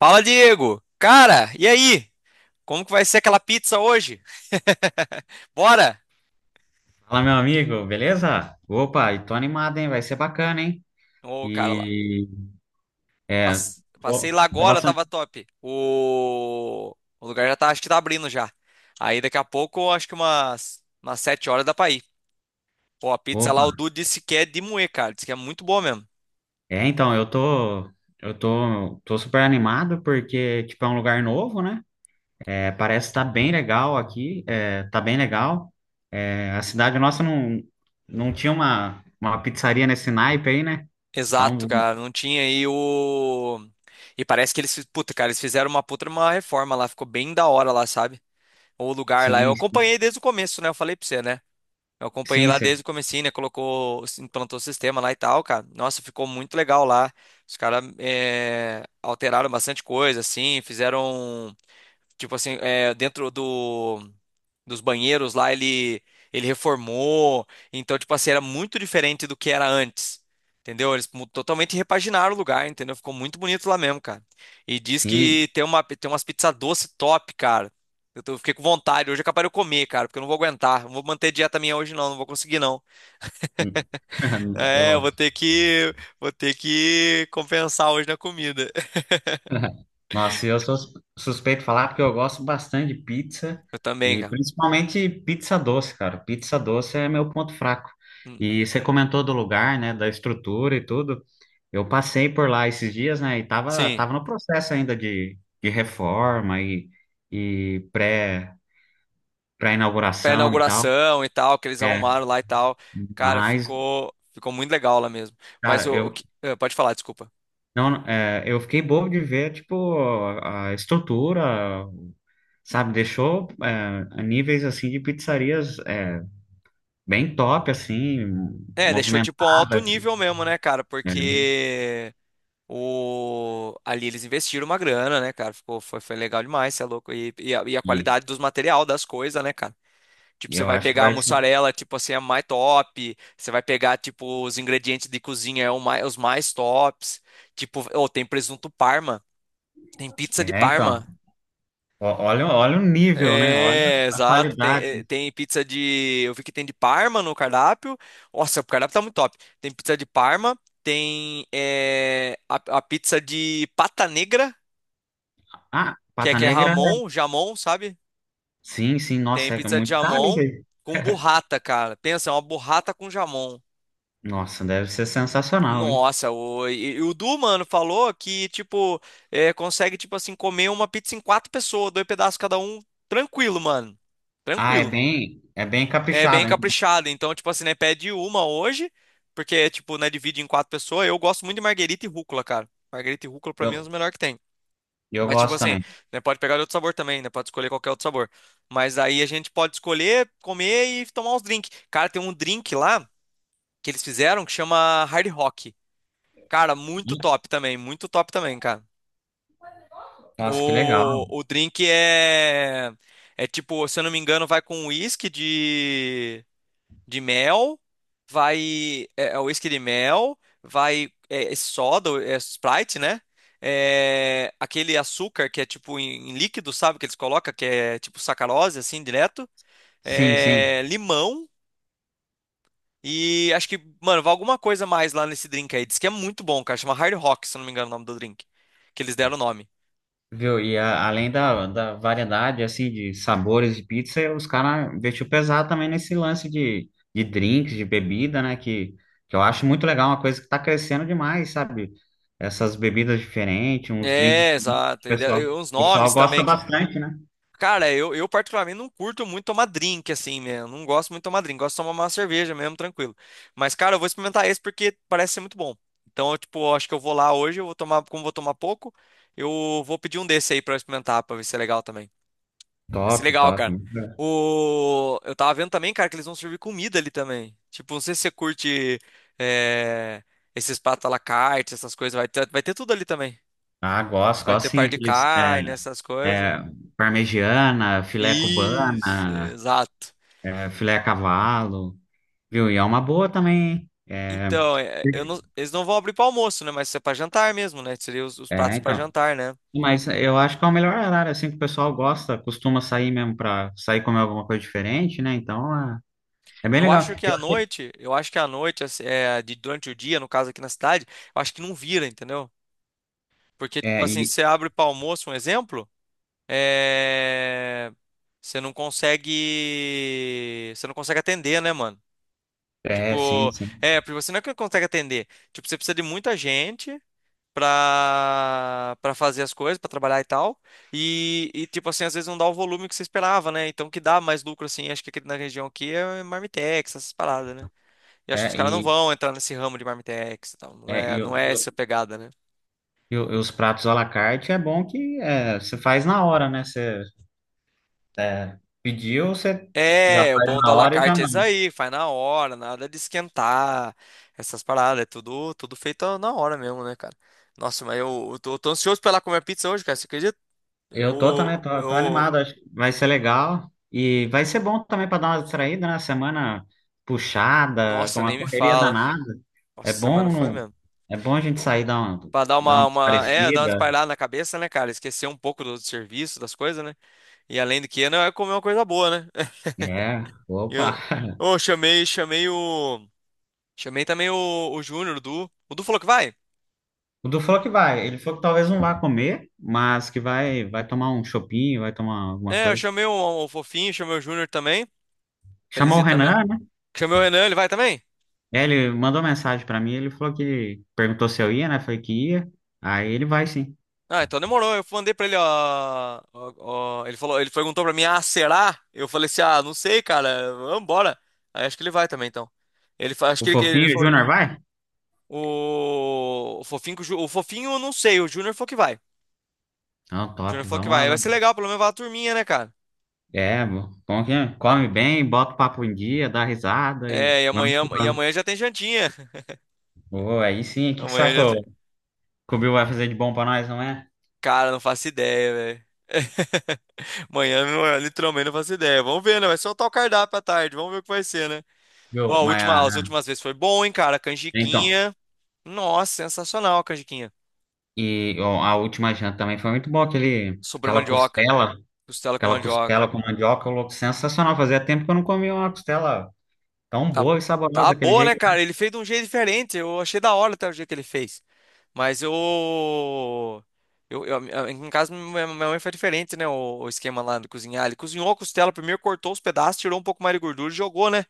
Fala, Diego! Cara, e aí? Como que vai ser aquela pizza hoje? Bora! Fala, meu amigo, beleza? Opa, e tô animado, hein? Vai ser bacana, hein? Ô, cara, E é, passei tô, lá tô agora, bastante. tava top. O lugar já tá, acho que tá abrindo já. Aí daqui a pouco, acho que umas 7h dá pra ir. Pô, a pizza lá, Opa, o Dudu disse que é de moer, cara. Disse que é muito boa mesmo. Então, eu tô super animado porque, tipo, é um lugar novo, né? É, parece estar tá bem legal aqui, é, tá bem legal. É, a cidade nossa não tinha uma pizzaria nesse naipe aí, né? Exato, Então, cara. Não tinha aí o. E parece que eles, puta, cara, eles fizeram uma puta uma reforma lá, ficou bem da hora lá, sabe? O lugar lá. Eu sim, sim, acompanhei desde o começo, né? Eu falei pra você, né? Eu acompanhei sim, lá desde o comecinho, né? Colocou, implantou o sistema lá e tal, cara. Nossa, ficou muito legal lá. Os caras alteraram bastante coisa, assim, fizeram, tipo assim, é, dentro do dos banheiros lá, ele reformou. Então, tipo assim, era muito diferente do que era antes. Entendeu? Eles totalmente repaginaram o lugar, entendeu? Ficou muito bonito lá mesmo, cara. E diz sim. que tem umas pizzas doce top, cara. Fiquei com vontade. Hoje é capaz de eu comer, cara, porque eu não vou aguentar. Não vou manter dieta minha hoje, não. Não vou conseguir, não. É, eu vou ter que compensar hoje na comida. Nossa, eu sou suspeito de falar porque eu gosto bastante de pizza Eu também, e cara. principalmente pizza doce, cara. Pizza doce é meu ponto fraco. Hum. E você comentou do lugar, né, da estrutura e tudo. Eu passei por lá esses dias, né, e tava, Sim. tava no processo ainda de reforma e Pra pré-inauguração e tal. inauguração e tal, que eles É, arrumaram lá e tal. Cara, mas, ficou muito legal lá mesmo. Mas cara, eu, pode falar, desculpa. não, é, eu fiquei bobo de ver, tipo, a estrutura. Sabe? Deixou níveis assim de pizzarias bem top, assim, É, deixou tipo um alto movimentada, nível mesmo, né, cara? né? Porque o ali eles investiram uma grana, né, cara? Ficou foi legal demais, você é louco. E a E, qualidade dos material das coisas, né, cara? Tipo, e você eu vai acho que pegar a vai ser. mussarela, tipo assim, é mais top. Você vai pegar, tipo, os ingredientes de cozinha, os mais tops. Tipo, ou tem presunto Parma, tem pizza de É, então, Parma. Olha o nível, né? Olha É, a exato. Qualidade. Tem pizza de. Eu vi que tem de Parma no cardápio. Nossa, o cardápio tá muito top. Tem pizza de Parma, tem a pizza de pata negra, Ah, que é Pata que é Negra, Ramon, jamon, sabe? sim, sim, Tem nossa, é pizza de muito caro isso jamon aí. com burrata, cara. Pensa, é uma burrata com jamon. Nossa, deve ser sensacional, hein? Nossa, o, e o Du, mano, falou que, tipo, consegue, tipo assim, comer uma pizza em quatro pessoas, dois pedaços cada um, tranquilo, mano. Ah, é Tranquilo. bem, é bem É bem caprichado, hein? caprichado. Então, tipo assim, né? Pede uma hoje, porque, tipo, né? Divide em quatro pessoas. Eu gosto muito de marguerita e rúcula, cara. Marguerita e rúcula, pra mim, é os Eu, melhores que tem. eu Mas, tipo gosto assim, também. né? Pode pegar de outro sabor também, né? Pode escolher qualquer outro sabor. Mas aí a gente pode escolher, comer e tomar uns drinks. Cara, tem um drink lá que eles fizeram que chama Hard Rock. Cara, muito Ih, top também. Muito top também, cara. nossa, que legal. O drink é. É tipo, se eu não me engano, vai com uísque de. Mel, vai é whisky de mel, vai é soda, é Sprite, né? É, aquele açúcar que é tipo em líquido, sabe? Que eles colocam, que é tipo sacarose, assim, direto. Sim, sim. É, limão e acho que, mano, vai alguma coisa mais lá nesse drink aí. Diz que é muito bom, cara. Chama Hard Rock, se eu não me engano, o nome do drink. Que eles deram o nome. Viu? E além da variedade, assim, de sabores de pizza, os caras investiu pesado também nesse lance de drinks, de bebida, né? Que eu acho muito legal, uma coisa que tá crescendo demais, sabe? Essas bebidas diferentes, uns drinks É, diferentes. O exato. E de- pessoal, e o uns pessoal nomes gosta também que. bastante, né? Cara, eu particularmente não curto muito tomar drink, assim, mesmo. Não gosto muito de tomar drink. Gosto de tomar uma cerveja mesmo, tranquilo. Mas, cara, eu vou experimentar esse porque parece ser muito bom. Então, eu, tipo, eu acho que eu vou lá hoje, eu vou tomar, como eu vou tomar pouco, eu vou pedir um desse aí pra eu experimentar, pra ver se é legal também. Vai ser Top, legal, top. cara. Eu tava vendo também, cara, que eles vão servir comida ali também. Tipo, não sei se você curte é, esses pratos à la carte, essas coisas. Vai ter tudo ali também. Ah, gosto, Vai ter gosto sim. par de Aqueles, carne, essas coisas. é, parmegiana, filé Isso, cubana, exato. Filé a cavalo, viu? E é uma boa também, hein? É, Então, é, eu não- eles não vão abrir para almoço, né? Mas isso é para jantar mesmo, né? Seria os é, pratos para então. jantar, né? Mas eu acho que é o melhor horário, assim, que o pessoal gosta, costuma sair mesmo para sair comer alguma coisa diferente, né? Então, é bem Eu legal. acho que à noite, assim, durante o dia, no caso aqui na cidade, eu acho que não vira, entendeu? Porque, tipo é, assim, e, você abre para almoço, um exemplo, é, você não consegue atender, né, mano? Sim, Tipo, sim. Porque você não é que consegue atender. Tipo, você precisa de muita gente. Pra pra fazer as coisas, pra trabalhar e tal. Tipo assim, às vezes não dá o volume que você esperava, né? Então, o que dá mais lucro, assim, acho que aqui na região aqui é Marmitex, essas paradas, né? E acho que os É, caras não e, vão entrar nesse ramo de Marmitex e tal. Não é, é, e, não é essa o- pegada, né? e os pratos à la carte é bom que é, você faz na hora, né? Você pediu, você já É, o faz bom do à na la hora e já. carte é isso aí, faz na hora, nada de esquentar, essas paradas, é tudo feito na hora mesmo, né, cara? Nossa, mas eu tô ansioso pra ir lá comer pizza hoje, cara, você acredita? Eu tô Eu, também, tô eu, animado, acho que vai ser legal e vai ser bom também para dar uma distraída, né? Semana puxada, com nossa, uma nem me correria fala. danada. Nossa, É semana bom, foi mesmo. é bom a gente sair dar uma, Pra dar dar uma, uma uma, é, dar uma parecida. espalhada na cabeça, né, cara? Esquecer um pouco do serviço, das coisas, né? E além do que, não é comer uma coisa boa, né? É, E opa. Eu, Chamei o. Chamei também o Júnior, o Du. O Du falou que vai? O Du falou que vai, ele falou que talvez não vá comer, mas que vai tomar um chopinho, vai tomar alguma É, eu coisa. chamei o Fofinho, chamei o Júnior também. Feliz Chamou o dia também. Renan, né? Chamei o Renan, ele vai também? É, ele mandou mensagem para mim, ele falou que perguntou se eu ia, né? Falei que ia. Aí ele vai sim. Ah, então demorou. Eu mandei pra ele, ó, ele perguntou pra mim, ah, será? Eu falei assim, ah, não sei, cara. Vambora. Aí acho que ele vai também, então. Ele, acho O que ele Fofinho, o falou. Júnior vai? O Fofinho, com o Fofinho, eu não sei, o Júnior falou que vai. O Não, Júnior top, falou que vamos vai. Vai lá. ser legal, pelo menos vai a turminha, né, cara? É, bom que é? Come bem, bota o papo em dia, dá risada e É, vamos que e vamos. amanhã já tem jantinha. Ô, aí sim, o que que Amanhã sabe que já tem. o Bill vai fazer de bom pra nós, não é? Cara, não faço ideia, velho. Amanhã, literalmente, não faço ideia. Vamos ver, né? Vai soltar o cardápio à tarde. Vamos ver o que vai ser, né? Viu? Ó, Mas, as ah, últimas vezes foi bom, hein, cara? então, Canjiquinha. Nossa, sensacional a canjiquinha. e ó, a última janta também foi muito boa, Sobre mandioca. Costela com aquela mandioca. costela com mandioca, louco, sensacional. Fazia tempo que eu não comia uma costela tão Tá, boa e tá saborosa daquele boa, né, jeito. cara? Ele fez de um jeito diferente. Eu achei da hora até o jeito que ele fez. Mas em casa minha mãe foi diferente, né? O esquema lá de cozinhar. Ele cozinhou a costela primeiro, cortou os pedaços, tirou um pouco mais de gordura e jogou, né?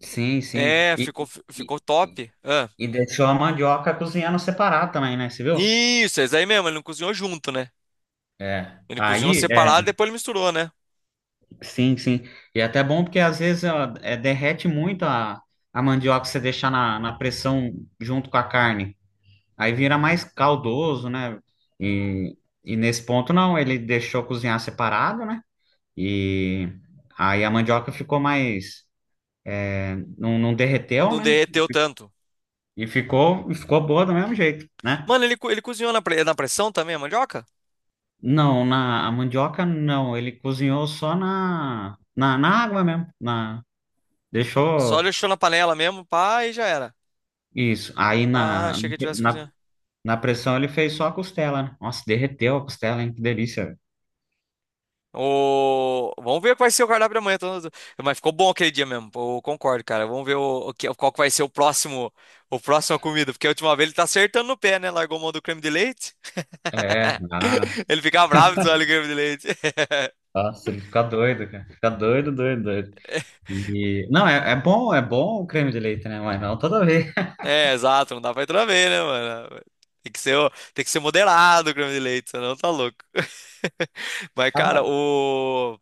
Sim, sim. É, ficou, e, ficou top. Ah. e deixou a mandioca cozinhando separado também, né? Você viu? Isso, é isso aí mesmo. Ele não cozinhou junto, né? É. Ele cozinhou Aí, separado, depois ele misturou, né? sim, sim. E é até bom porque às vezes ó, derrete muito a mandioca se você deixar na pressão junto com a carne. Aí vira mais caldoso, né? E, e nesse ponto não, ele deixou cozinhar separado, né? E aí a mandioca ficou mais. Não derreteu, Não né? derreteu tanto. E ficou boa do mesmo jeito, né? Mano, ele cozinhou na pressão também, a mandioca? Não, na a mandioca não, ele cozinhou só na água mesmo. Na, Só deixou deixou na panela mesmo, pá, e já era. isso. Aí Ah, achei que ele tivesse na cozinhado. Na pressão ele fez só a costela, né? Nossa, derreteu a costela, hein? Que delícia, velho. Vamos ver qual vai ser o cardápio da manhã. Mas ficou bom aquele dia mesmo. Pô, eu concordo, cara. Vamos ver qual que vai ser o próximo comida. Porque a última vez ele tá acertando no pé, né? Largou mão do creme de leite. É, ah, Ele fica bravo de olha o creme de leite. nossa, ele fica doido, cara. Fica doido, doido, doido. E, não, é bom o creme de leite, né? Mas não toda vez. É, exato. Não dá pra entrar bem, né, mano? Tem que ser moderado o creme de leite, senão tá louco. Mas, Tá cara, bom.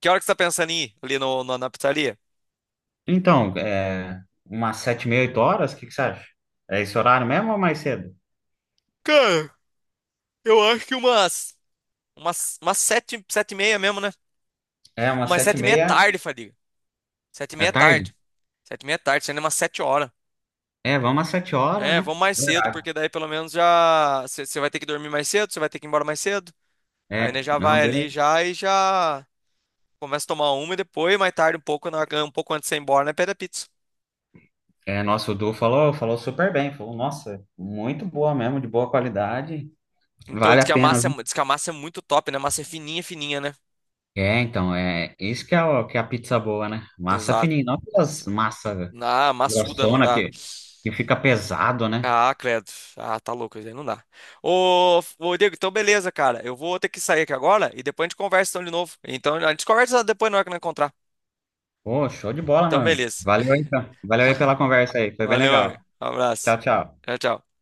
que hora que você tá pensando em ir ali no, na na pizzaria? Então, umas 7h30, 8h, o que que você acha? É esse horário mesmo ou mais cedo? Cara, eu acho que umas 7, 7h30 mesmo, né? É, umas Mas sete sete e e meia é meia. tarde, Fadiga. Sete e É meia é tarde? tarde. 7h30 é tarde, sendo umas 7h. É, vamos às 7h, É, né? vamos mais cedo, porque daí pelo menos já. Você vai ter que dormir mais cedo, você vai ter que ir embora mais cedo. Aí, né, É, já não, vai ali beleza. já e já. Começa a tomar uma e depois, mais tarde, um pouco, um pouco antes de você ir embora, né, pede a pizza. É, nossa, o Du falou super bem. Falou, nossa, muito boa mesmo, de boa qualidade. Então, Vale diz a que pena. A massa é muito top, né? A massa é fininha, fininha, né? É, então, é isso que é, que é a pizza boa, né? Massa Exato. fininha, não aquelas Massa. massa Ah, massuda não grossona dá. que fica pesado, né? Ah, credo. Ah, tá louco, isso aí não dá. Ô, Diego, então beleza, cara. Eu vou ter que sair aqui agora e depois a gente conversa então de novo. Então a gente conversa depois na hora que nós encontrar. Pô, show de bola, meu Então amigo. beleza. Valeu aí, então. Valeu aí pela conversa aí, foi bem Valeu, amigo. legal. Um abraço. Tchau, tchau. Tchau, tchau.